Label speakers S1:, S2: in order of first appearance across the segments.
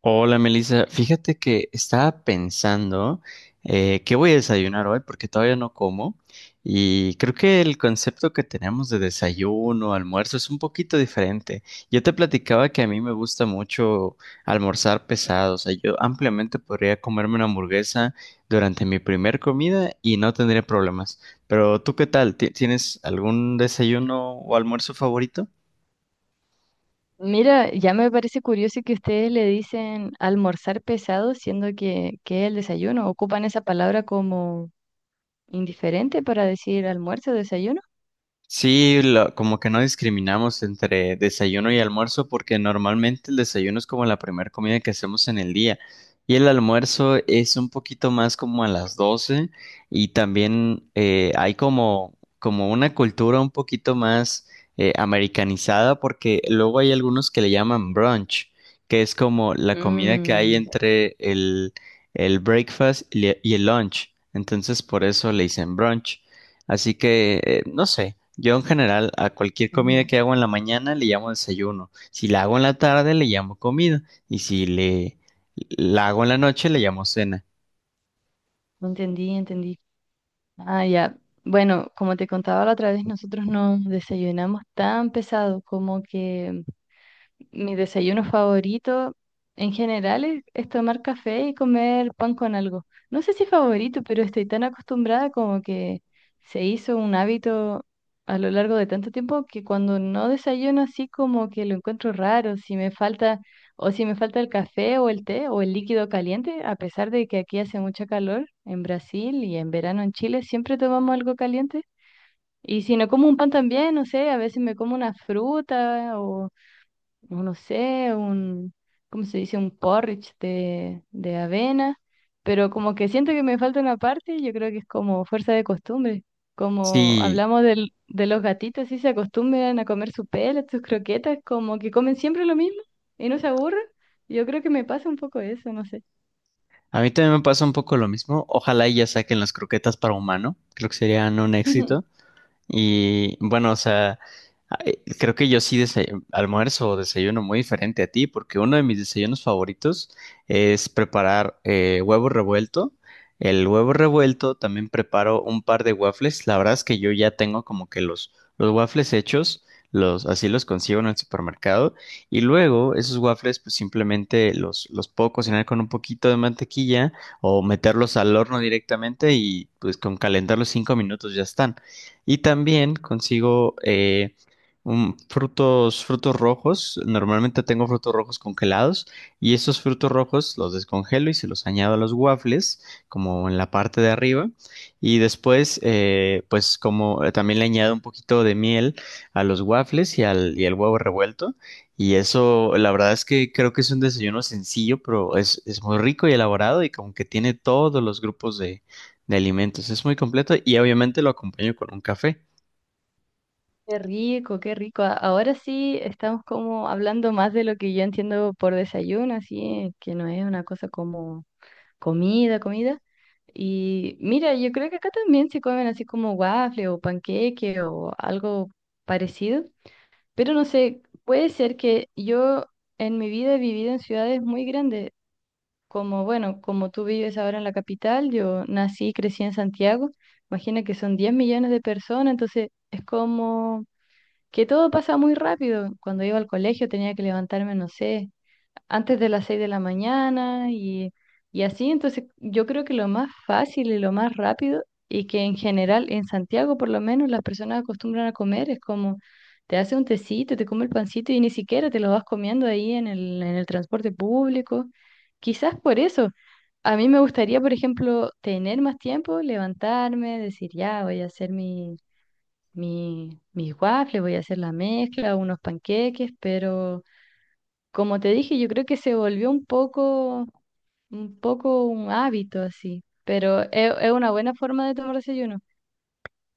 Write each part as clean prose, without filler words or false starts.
S1: Hola Melissa, fíjate que estaba pensando, qué voy a desayunar hoy porque todavía no como. Y creo que el concepto que tenemos de desayuno, almuerzo es un poquito diferente. Yo te platicaba que a mí me gusta mucho almorzar pesado. O sea, yo ampliamente podría comerme una hamburguesa durante mi primer comida y no tendría problemas. Pero ¿tú qué tal? ¿Tienes algún desayuno o almuerzo favorito?
S2: Mira, ya me parece curioso que ustedes le dicen almorzar pesado, siendo que es el desayuno. ¿Ocupan esa palabra como indiferente para decir almuerzo o desayuno?
S1: Sí, como que no discriminamos entre desayuno y almuerzo, porque normalmente el desayuno es como la primera comida que hacemos en el día, y el almuerzo es un poquito más como a las 12. Y también hay como una cultura un poquito más americanizada, porque luego hay algunos que le llaman brunch, que es como la comida que hay
S2: Mm.
S1: entre el breakfast y el lunch. Entonces por eso le dicen brunch. Así que, no sé. Yo en general a cualquier comida
S2: Ujú.
S1: que hago en la mañana le llamo desayuno. Si la hago en la tarde le llamo comida, y si le la hago en la noche le llamo cena.
S2: Entendí, entendí. Ah, ya. Bueno, como te contaba la otra vez, nosotros no desayunamos tan pesado, como que mi desayuno favorito en general es tomar café y comer pan con algo. No sé si favorito, pero estoy tan acostumbrada como que se hizo un hábito a lo largo de tanto tiempo que cuando no desayuno así como que lo encuentro raro, si me falta o si me falta el café o el té o el líquido caliente, a pesar de que aquí hace mucho calor en Brasil y en verano en Chile, siempre tomamos algo caliente. Y si no como un pan también, no sé, a veces me como una fruta o no sé, un, ¿cómo se dice? Un porridge de avena, pero como que siento que me falta una parte, yo creo que es como fuerza de costumbre. Como
S1: Sí,
S2: hablamos de los gatitos, si se acostumbran a comer su pelo, sus croquetas, como que comen siempre lo mismo y no se aburren. Yo creo que me pasa un poco eso, no sé.
S1: a mí también me pasa un poco lo mismo. Ojalá y ya saquen las croquetas para humano. Creo que serían un éxito. Y bueno, o sea, ay, creo que yo sí almuerzo o desayuno muy diferente a ti, porque uno de mis desayunos favoritos es preparar huevo revuelto. El huevo revuelto. También preparo un par de waffles. La verdad es que yo ya tengo como que los waffles hechos, los, así los consigo en el supermercado. Y luego esos waffles, pues simplemente los puedo cocinar con un poquito de mantequilla o meterlos al horno directamente, y pues con calentarlos 5 minutos ya están. Y también consigo frutos rojos. Normalmente tengo frutos rojos congelados, y esos frutos rojos los descongelo y se los añado a los waffles, como en la parte de arriba. Y después, pues como también le añado un poquito de miel a los waffles y al huevo revuelto. Y eso, la verdad es que creo que es un desayuno sencillo, pero es, muy rico y elaborado, y como que tiene todos los grupos de alimentos. Es muy completo y obviamente lo acompaño con un café.
S2: Qué rico, qué rico. Ahora sí estamos como hablando más de lo que yo entiendo por desayuno, así que no es una cosa como comida, comida. Y mira, yo creo que acá también se comen así como waffle o panqueque o algo parecido, pero no sé, puede ser que yo en mi vida he vivido en ciudades muy grandes, como bueno, como tú vives ahora en la capital, yo nací y crecí en Santiago. Imagina que son 10 millones de personas, entonces es como que todo pasa muy rápido. Cuando iba al colegio tenía que levantarme, no sé, antes de las 6 de la mañana y así. Entonces, yo creo que lo más fácil y lo más rápido y que en general en Santiago por lo menos las personas acostumbran a comer es como, te hace un tecito, te come el pancito y ni siquiera, te lo vas comiendo ahí en el transporte público. Quizás por eso. A mí me gustaría, por ejemplo, tener más tiempo, levantarme, decir, ya, voy a hacer mis waffles, voy a hacer la mezcla, unos panqueques, pero como te dije, yo creo que se volvió un poco un hábito así, pero es una buena forma de tomar desayuno.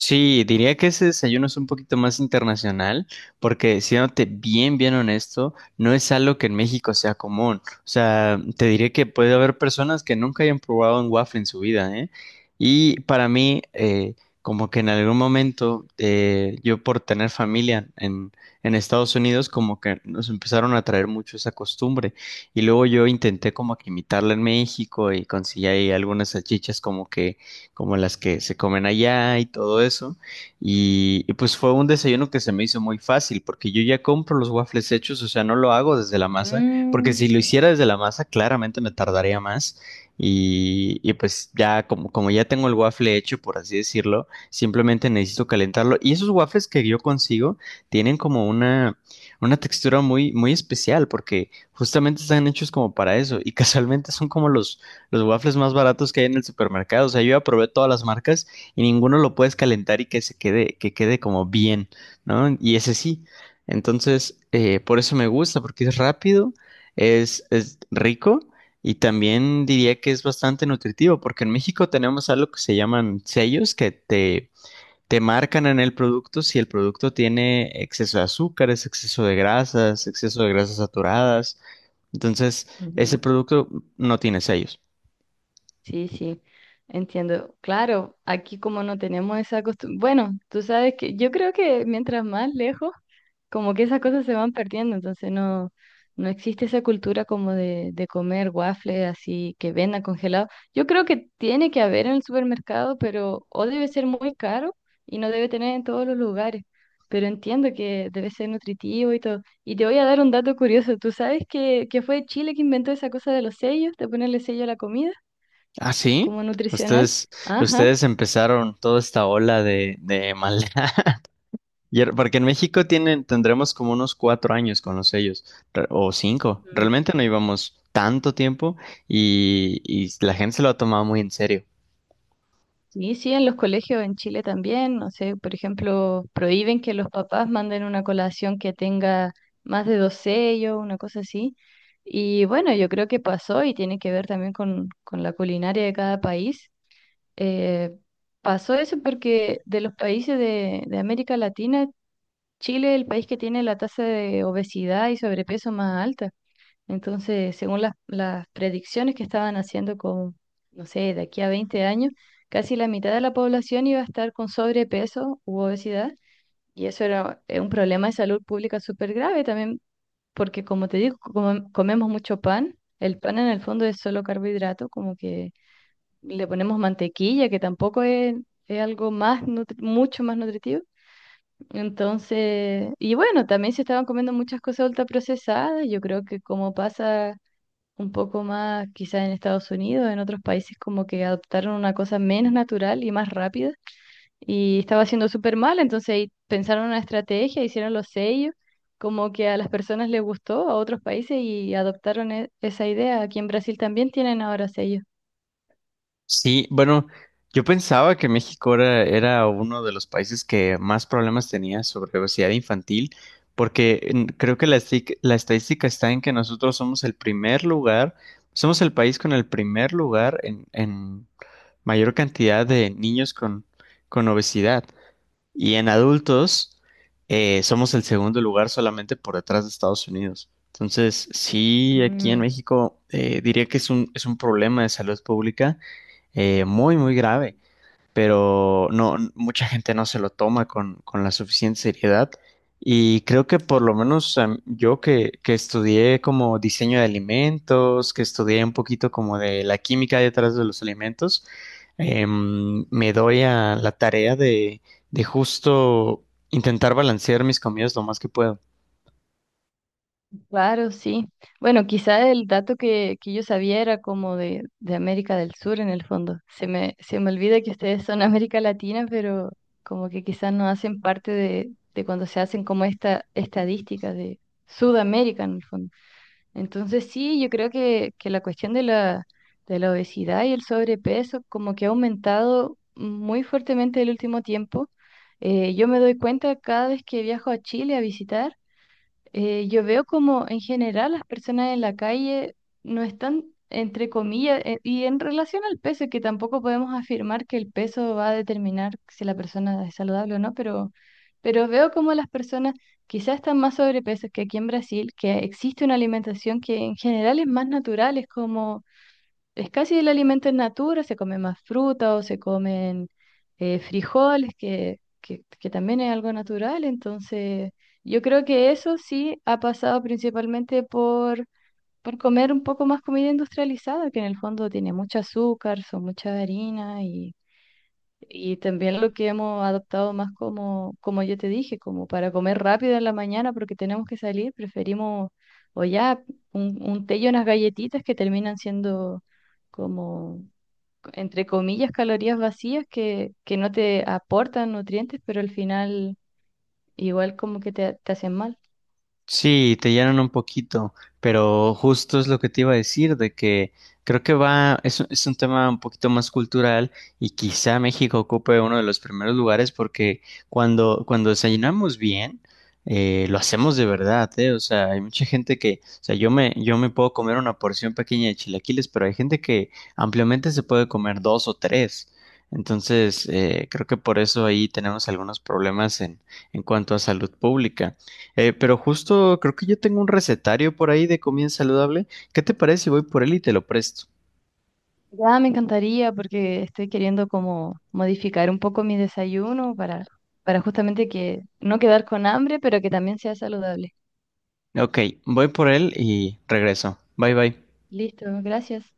S1: Sí, diría que ese desayuno es un poquito más internacional, porque siéndote bien, bien honesto, no es algo que en México sea común. O sea, te diré que puede haber personas que nunca hayan probado un waffle en su vida, ¿eh? Y para mí, como que en algún momento, yo por tener familia en Estados Unidos, como que nos empezaron a traer mucho esa costumbre. Y luego yo intenté como que imitarla en México, y conseguí ahí algunas salchichas como que como las que se comen allá y todo eso. Y pues fue un desayuno que se me hizo muy fácil, porque yo ya compro los waffles hechos. O sea, no lo hago desde la masa, porque
S2: Mm.
S1: si lo hiciera desde la masa, claramente me tardaría más. Y pues ya, como, ya tengo el waffle hecho, por así decirlo, simplemente necesito calentarlo. Y esos waffles que yo consigo tienen como una, textura muy, muy especial, porque justamente están hechos como para eso. Y casualmente son como los waffles más baratos que hay en el supermercado. O sea, yo ya probé todas las marcas y ninguno lo puedes calentar y que se quede, que quede como bien, ¿no? Y ese sí. Entonces, por eso me gusta, porque es rápido, es, rico, y también diría que es bastante nutritivo, porque en México tenemos algo que se llaman sellos, que te marcan en el producto si el producto tiene exceso de azúcares, exceso de grasas saturadas. Entonces,
S2: Ujú.
S1: ese producto no tiene sellos.
S2: Sí, sí, entiendo. Claro, aquí como no tenemos esa costumbre, bueno, tú sabes que yo creo que mientras más lejos, como que esas cosas se van perdiendo, entonces no existe esa cultura como de comer waffles así que vendan congelado. Yo creo que tiene que haber en el supermercado, pero o debe ser muy caro y no debe tener en todos los lugares, pero entiendo que debe ser nutritivo y todo. Y te voy a dar un dato curioso. ¿Tú sabes que fue Chile que inventó esa cosa de los sellos, de ponerle sello a la comida,
S1: Ah, sí.
S2: como nutricional?
S1: Ustedes,
S2: Ajá.
S1: ustedes empezaron toda esta ola de maldad. Y porque en México tienen, tendremos como unos 4 años con los sellos, o 5.
S2: Ujú.
S1: Realmente no íbamos tanto tiempo, y la gente se lo ha tomado muy en serio.
S2: Sí, sí, en los colegios en Chile también, no sé, por ejemplo, prohíben que los papás manden una colación que tenga más de dos sellos, una cosa así. Y bueno, yo creo que pasó y tiene que ver también con la culinaria de cada país. Eh, pasó eso porque de los países de América Latina, Chile es el país que tiene la tasa de obesidad y sobrepeso más alta. Entonces, según las predicciones que estaban haciendo, con, no sé, de aquí a 20 años, casi la mitad de la población iba a estar con sobrepeso u obesidad, y eso era un problema de salud pública súper grave también, porque como te digo, como comemos mucho pan, el pan en el fondo es solo carbohidrato, como que le ponemos mantequilla, que tampoco es algo más mucho más nutritivo. Entonces, y bueno, también se estaban comiendo muchas cosas ultraprocesadas, yo creo que como pasa un poco más, quizás en Estados Unidos, en otros países como que adoptaron una cosa menos natural y más rápida y estaba haciendo súper mal, entonces ahí pensaron una estrategia, hicieron los sellos, como que a las personas les gustó, a otros países, y adoptaron esa idea. Aquí en Brasil también tienen ahora sellos.
S1: Sí, bueno, yo pensaba que México era, uno de los países que más problemas tenía sobre obesidad infantil, porque creo que la, la estadística está en que nosotros somos el primer lugar, somos el país con el primer lugar en, mayor cantidad de niños con obesidad. Y en adultos somos el segundo lugar solamente por detrás de Estados Unidos. Entonces, sí, aquí en
S2: Mm.
S1: México diría que es un, problema de salud pública muy, muy grave, pero no, mucha gente no se lo toma con, la suficiente seriedad. Y creo que por lo menos yo que estudié como diseño de alimentos, que estudié un poquito como de la química detrás de los alimentos, me doy a la tarea de justo intentar balancear mis comidas lo más que puedo.
S2: Claro, sí. Bueno, quizá el dato que yo sabía era como de América del Sur en el fondo. Se me olvida que ustedes son América Latina, pero como que quizás no hacen parte de cuando se hacen como esta estadística de Sudamérica en el fondo. Entonces sí, yo creo que la cuestión de la obesidad y el sobrepeso como que ha aumentado muy fuertemente el último tiempo. Yo me doy cuenta cada vez que viajo a Chile a visitar, yo veo como en general las personas en la calle no están, entre comillas, y en relación al peso, que tampoco podemos afirmar que el peso va a determinar si la persona es saludable o no, pero, veo como las personas quizás están más sobrepeso que aquí en Brasil, que existe una alimentación que en general es más natural, es como, es casi el alimento en natura, se come más fruta o se comen frijoles, que también es algo natural. Entonces, yo creo que eso sí ha pasado principalmente por comer un poco más comida industrializada, que en el fondo tiene mucho azúcar, son mucha harina, y también lo que hemos adoptado más como yo te dije, como para comer rápido en la mañana porque tenemos que salir, preferimos o ya un, té y unas galletitas que terminan siendo como, entre comillas, calorías vacías que no te aportan nutrientes, pero al final igual como que te hacen mal.
S1: Sí, te llenan un poquito, pero justo es lo que te iba a decir, de que creo que es un tema un poquito más cultural, y quizá México ocupe uno de los primeros lugares porque cuando, desayunamos bien, lo hacemos de verdad, ¿eh? O sea, hay mucha gente que, o sea, yo me puedo comer una porción pequeña de chilaquiles, pero hay gente que ampliamente se puede comer dos o tres. Entonces, creo que por eso ahí tenemos algunos problemas en cuanto a salud pública. Pero justo creo que yo tengo un recetario por ahí de comida saludable. ¿Qué te parece si voy por él y te lo presto?
S2: Ya me encantaría porque estoy queriendo como modificar un poco mi desayuno para justamente que no quedar con hambre, pero que también sea saludable.
S1: Ok, voy por él y regreso. Bye bye.
S2: Listo, gracias.